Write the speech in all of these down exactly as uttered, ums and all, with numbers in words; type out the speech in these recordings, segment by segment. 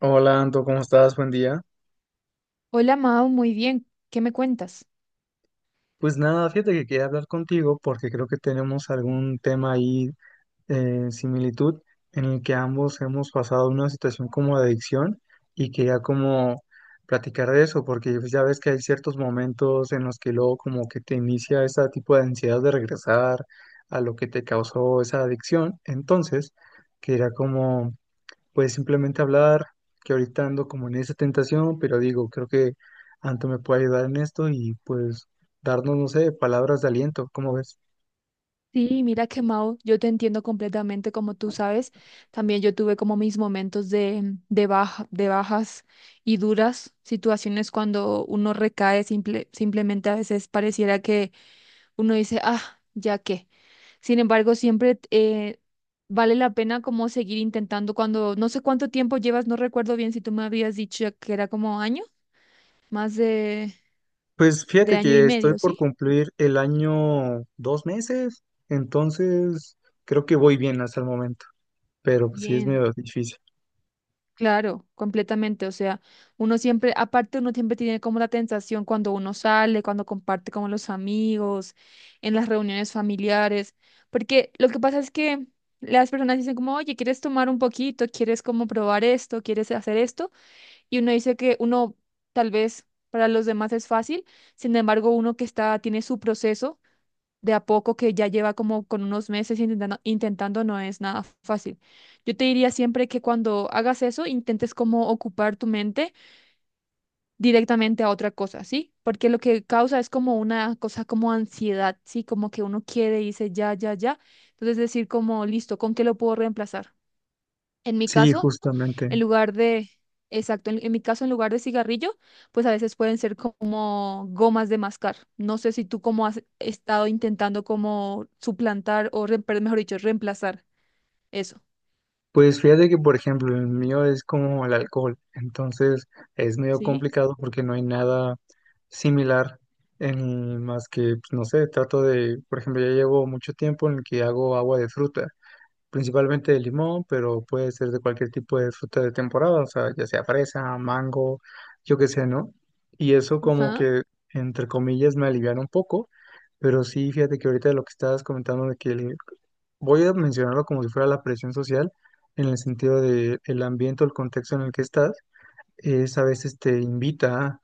Hola, Anto, ¿cómo estás? Buen día. Hola Mao, muy bien. ¿Qué me cuentas? Pues nada, fíjate que quería hablar contigo porque creo que tenemos algún tema ahí, eh, similitud, en el que ambos hemos pasado una situación como de adicción y quería como platicar de eso, porque pues, ya ves que hay ciertos momentos en los que luego como que te inicia ese tipo de ansiedad de regresar a lo que te causó esa adicción. Entonces, quería como pues simplemente hablar, que ahorita ando como en esa tentación, pero digo, creo que Anto me puede ayudar en esto y pues darnos, no sé, palabras de aliento, ¿cómo ves? Sí, mira que Mao, yo te entiendo completamente, como tú sabes, también yo tuve como mis momentos de, de baja, de bajas y duras situaciones cuando uno recae, simple, simplemente a veces pareciera que uno dice, ah, ya qué. Sin embargo, siempre eh, vale la pena como seguir intentando cuando, no sé cuánto tiempo llevas, no recuerdo bien si tú me habías dicho que era como año, más de, Pues de fíjate año y que estoy medio, por ¿sí? cumplir el año dos meses, entonces creo que voy bien hasta el momento, pero pues sí es Bien. medio difícil. Claro, completamente. O sea, uno siempre, aparte uno siempre tiene como la tentación cuando uno sale, cuando comparte con los amigos, en las reuniones familiares, porque lo que pasa es que las personas dicen como, oye, ¿quieres tomar un poquito? ¿Quieres como probar esto? ¿Quieres hacer esto? Y uno dice que uno tal vez para los demás es fácil, sin embargo, uno que está, tiene su proceso de a poco que ya lleva como con unos meses intentando, intentando no es nada fácil. Yo te diría siempre que cuando hagas eso, intentes como ocupar tu mente directamente a otra cosa, ¿sí? Porque lo que causa es como una cosa como ansiedad, ¿sí? Como que uno quiere y dice ya, ya, ya. Entonces decir como, listo, ¿con qué lo puedo reemplazar? En mi Sí, caso... justamente. En lugar de, exacto, en, en mi caso, en lugar de cigarrillo, pues a veces pueden ser como gomas de mascar. No sé si tú como has estado intentando como suplantar o, re- pero mejor dicho, reemplazar eso. Pues fíjate que, por ejemplo, el mío es como el alcohol, entonces es medio Sí. complicado porque no hay nada similar en más que, pues, no sé, trato de, por ejemplo, ya llevo mucho tiempo en el que hago agua de fruta, principalmente de limón, pero puede ser de cualquier tipo de fruta de temporada, o sea, ya sea fresa, mango, yo qué sé, ¿no? Y eso como Ajá. que, entre comillas, me alivian un poco, pero sí, fíjate que ahorita lo que estabas comentando de que el voy a mencionarlo como si fuera la presión social, en el sentido de el ambiente o el contexto en el que estás, es a veces te invita a,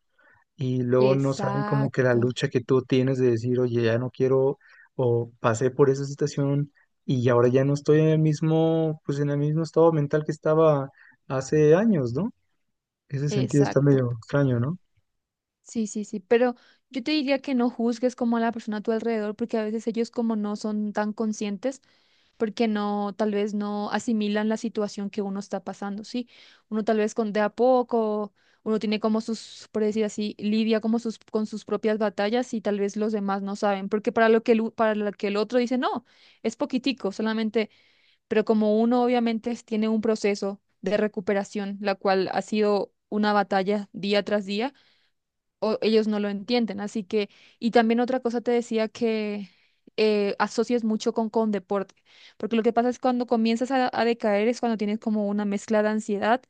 y luego no saben como que la Exacto, lucha que tú tienes de decir, oye, ya no quiero o pasé por esa situación y ahora ya no estoy en el mismo, pues en el mismo estado mental que estaba hace años, ¿no? Ese sentido está exacto. medio extraño, ¿no? Sí, sí, sí, pero yo te diría que no juzgues como a la persona a tu alrededor, porque a veces ellos como no son tan conscientes. Porque no, tal vez no asimilan la situación que uno está pasando, ¿sí? Uno tal vez con de a poco, uno tiene como sus, por decir así, lidia como sus, con sus propias batallas y tal vez los demás no saben, porque para lo que el, u- para lo que el otro dice, no, es poquitico, solamente, pero como uno obviamente es- tiene un proceso de recuperación, la cual ha sido una batalla día tras día o ellos no lo entienden. Así que, y también otra cosa te decía que eh, asocies mucho con, con deporte, porque lo que pasa es cuando comienzas a, a decaer es cuando tienes como una mezcla de ansiedad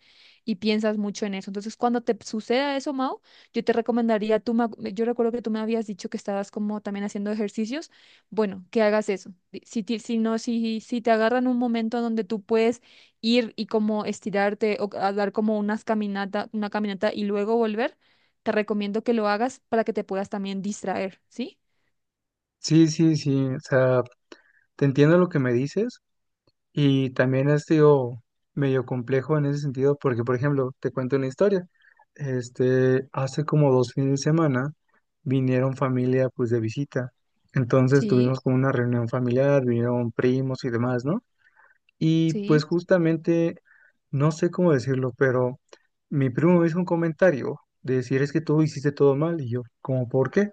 y piensas mucho en eso. Entonces, cuando te suceda eso, Mau, yo te recomendaría, tú me ac- yo recuerdo que tú me habías dicho que estabas como también haciendo ejercicios, bueno, que hagas eso. Di- Si, ti- si no, si, si te agarran un momento donde tú puedes ir y como estirarte o a dar como unas caminata, una caminata y luego volver. Te recomiendo que lo hagas para que te puedas también distraer, ¿sí? Sí, sí, sí, o sea, te entiendo lo que me dices. Y también ha sido medio complejo en ese sentido, porque, por ejemplo, te cuento una historia. Este, hace como dos fines de semana vinieron familia, pues, de visita. Entonces tuvimos Sí, como una reunión familiar, vinieron primos y demás, ¿no? Y pues sí, justamente, no sé cómo decirlo, pero mi primo me hizo un comentario de decir, es que tú hiciste todo mal. Y yo, como ¿por qué?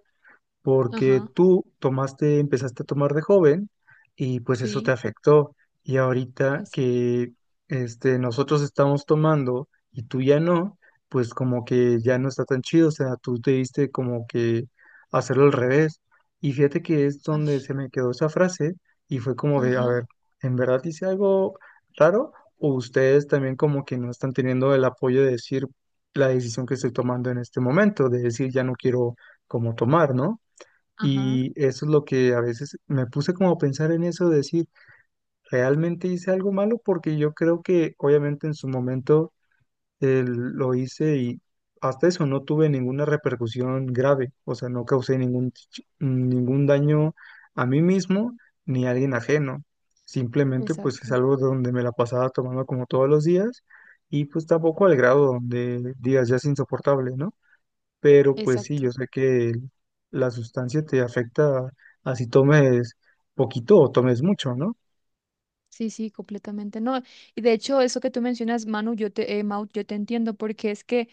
Porque ajá, tú tomaste, empezaste a tomar de joven y pues eso te sí, afectó. Y ahorita esa. que este, nosotros estamos tomando y tú ya no, pues como que ya no está tan chido, o sea, tú te diste como que hacerlo al revés. Y fíjate que es donde Ash. se me quedó esa frase y fue como de, a ver, Ajá, ¿en verdad hice algo raro? ¿O ustedes también como que no están teniendo el apoyo de decir la decisión que estoy tomando en este momento, de decir ya no quiero como tomar, ¿no? ajá, Y eso es lo que a veces me puse como a pensar en eso, decir, ¿realmente hice algo malo? Porque yo creo que obviamente en su momento eh, lo hice y hasta eso no tuve ninguna repercusión grave, o sea, no causé ningún, ch- ningún daño a mí mismo ni a alguien ajeno. Simplemente pues es exacto, algo donde me la pasaba tomando como todos los días y pues tampoco al grado donde digas ya es insoportable, ¿no? Pero pues sí, exacto. yo sé que el- la sustancia te afecta así tomes poquito o tomes mucho, ¿no? Sí, sí, completamente. No, y de hecho, eso que tú mencionas, Manu, yo te, eh, Mau, yo te entiendo, porque es que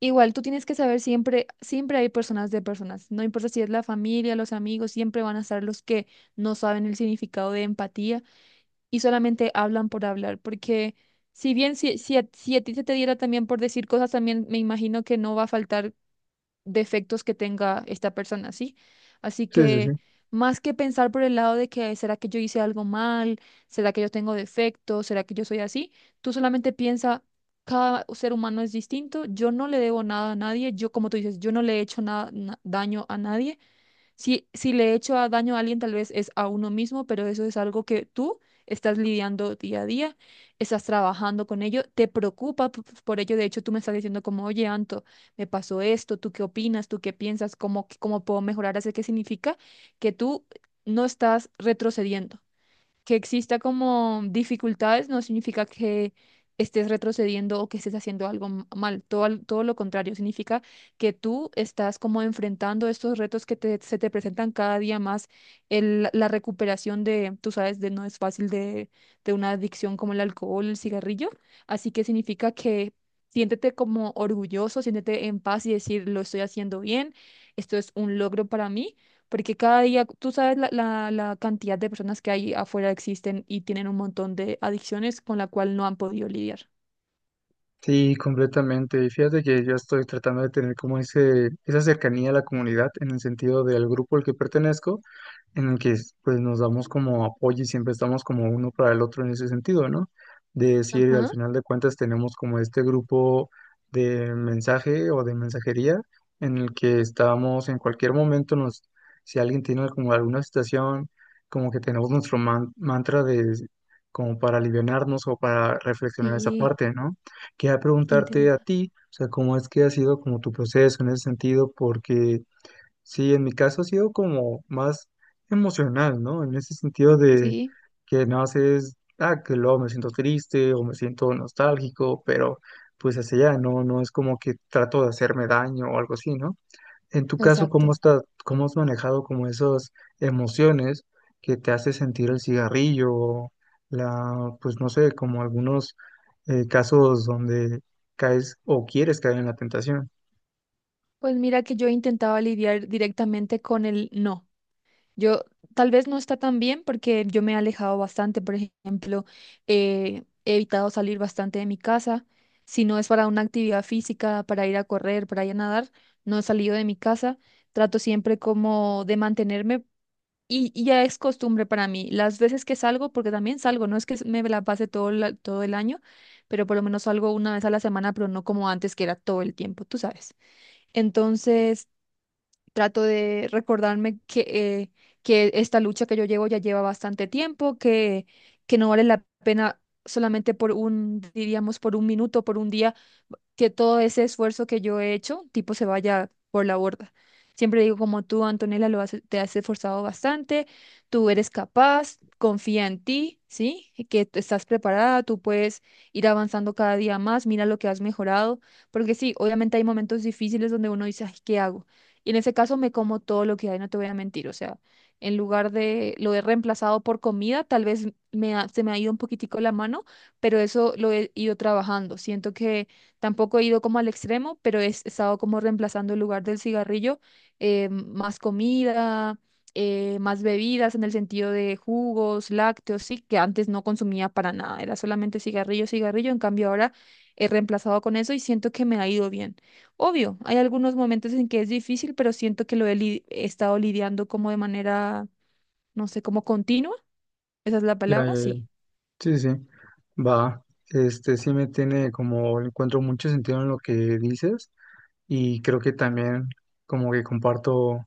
igual tú tienes que saber siempre, siempre hay personas de personas. No importa si es la familia, los amigos, siempre van a estar los que no saben el significado de empatía y solamente hablan por hablar, porque si bien si, si, a, si a ti se te diera también por decir cosas, también me imagino que no va a faltar defectos que tenga esta persona, ¿sí? Así Sí, sí, sí. que más que pensar por el lado de que será que yo hice algo mal, será que yo tengo defectos, será que yo soy así, tú solamente piensa, cada ser humano es distinto, yo no le debo nada a nadie, yo como tú dices, yo no le he hecho nada, daño a nadie. Si, si le he hecho a- daño a alguien, tal vez es a uno mismo, pero eso es algo que tú estás lidiando día a día, estás trabajando con ello, te preocupa p- p- por ello. De hecho, tú me estás diciendo como, oye, Anto, me pasó esto, ¿tú qué opinas? ¿Tú qué piensas? ¿Cómo, cómo puedo mejorar? Así que significa que tú no estás retrocediendo. Que exista como dificultades no significa que estés retrocediendo o que estés haciendo algo m- mal. Todo, al- todo lo contrario, significa que tú estás como enfrentando estos retos que te- se te presentan cada día más. El- la recuperación de, tú sabes, de no es fácil de, de una adicción como el alcohol, el cigarrillo. Así que significa que siéntete como orgulloso, siéntete en paz y decir, lo estoy haciendo bien, esto es un logro para mí porque cada día, tú sabes la, la- la cantidad de personas que hay afuera existen y tienen un montón de adicciones con la cual no han podido lidiar. Sí, completamente. Y fíjate que yo estoy tratando de tener como ese, esa cercanía a la comunidad en el sentido del grupo al que pertenezco, en el que pues nos damos como apoyo y siempre estamos como uno para el otro en ese sentido, ¿no? De decir, al Ajá, final de cuentas tenemos como este grupo de mensaje o de mensajería en el que estamos en cualquier momento nos, si alguien tiene como alguna situación, como que tenemos nuestro man- mantra de como para alivianarnos o para reflexionar esa sí, parte, ¿no? Quería preguntarte a interesante. ti, o sea, cómo es que ha sido como tu proceso en ese sentido, porque sí, en mi caso ha sido como más emocional, ¿no? En ese sentido de Sí, que no haces, ah, que luego me siento triste o me siento nostálgico, pero pues hacia allá, no, no es como que trato de hacerme daño o algo así, ¿no? En tu caso, ¿cómo exacto. está, cómo has manejado como esas emociones que te hace sentir el cigarrillo, o la, pues no sé, como algunos eh, casos donde caes o quieres caer en la tentación? Pues mira que yo intentaba lidiar directamente con el no. Yo tal vez no está tan bien porque yo me he alejado bastante, por ejemplo, eh, he evitado salir bastante de mi casa. Si no es para una actividad física, para ir a correr, para ir a nadar, no he salido de mi casa. Trato siempre como de mantenerme. Y, y ya es costumbre para mí. Las veces que salgo, porque también salgo, no es que me la pase todo, la- todo el año, pero por lo menos salgo una vez a la semana, pero no como antes, que era todo el tiempo, tú sabes. Entonces, trato de recordarme que, eh, que esta lucha que yo llevo ya lleva bastante tiempo, que, que no vale la pena solamente por un, diríamos, por un minuto, por un día, que todo ese esfuerzo que yo he hecho, tipo, se vaya por la borda. Siempre digo, como tú, Antonella, lo has- te has esforzado bastante, tú eres capaz, confía en ti, ¿sí? Y que tú estás preparada, tú puedes ir avanzando cada día más, mira lo que has mejorado, porque sí, obviamente hay momentos difíciles donde uno dice, ay, ¿qué hago? Y en ese caso me como todo lo que hay, no te voy a mentir, o sea, en lugar de lo he reemplazado por comida, tal vez me ha- se me ha ido un poquitico la mano, pero eso lo he ido trabajando. Siento que tampoco he ido como al extremo, pero he estado como reemplazando el lugar del cigarrillo, eh, más comida, eh, más bebidas en el sentido de jugos, lácteos, sí, que antes no consumía para nada, era solamente cigarrillo, cigarrillo, en cambio ahora he reemplazado con eso y siento que me ha ido bien. Obvio, hay algunos momentos en que es difícil, pero siento que lo he, li- he estado lidiando como de manera, no sé, como continua, esa es la Ya, palabra, ya, ya. sí. Sí, sí. Va. Este sí me tiene como, encuentro mucho sentido en lo que dices. Y creo que también como que comparto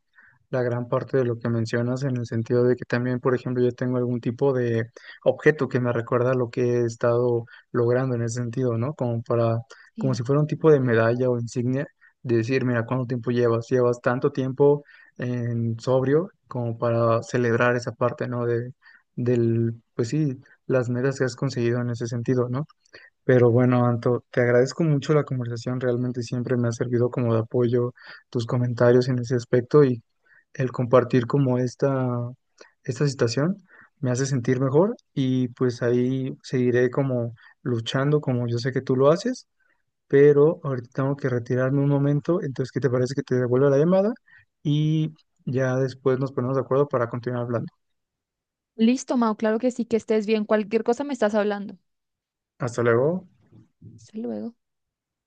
la gran parte de lo que mencionas en el sentido de que también, por ejemplo, yo tengo algún tipo de objeto que me recuerda lo que he estado logrando en ese sentido, ¿no? Como para, como si Sí. fuera un tipo de medalla o insignia de decir, mira, ¿cuánto tiempo llevas? Llevas tanto tiempo en sobrio como para celebrar esa parte, ¿no? De, del, pues sí, las metas que has conseguido en ese sentido, ¿no? Pero bueno, Anto, te agradezco mucho la conversación, realmente siempre me ha servido como de apoyo tus comentarios en ese aspecto y el compartir como esta, esta situación me hace sentir mejor y pues ahí seguiré como luchando como yo sé que tú lo haces, pero ahorita tengo que retirarme un momento, entonces ¿qué te parece que te devuelva la llamada? Y ya después nos ponemos de acuerdo para continuar hablando. Listo, Mau, claro que sí, que estés bien, cualquier cosa me estás hablando. Hasta luego. Hasta luego.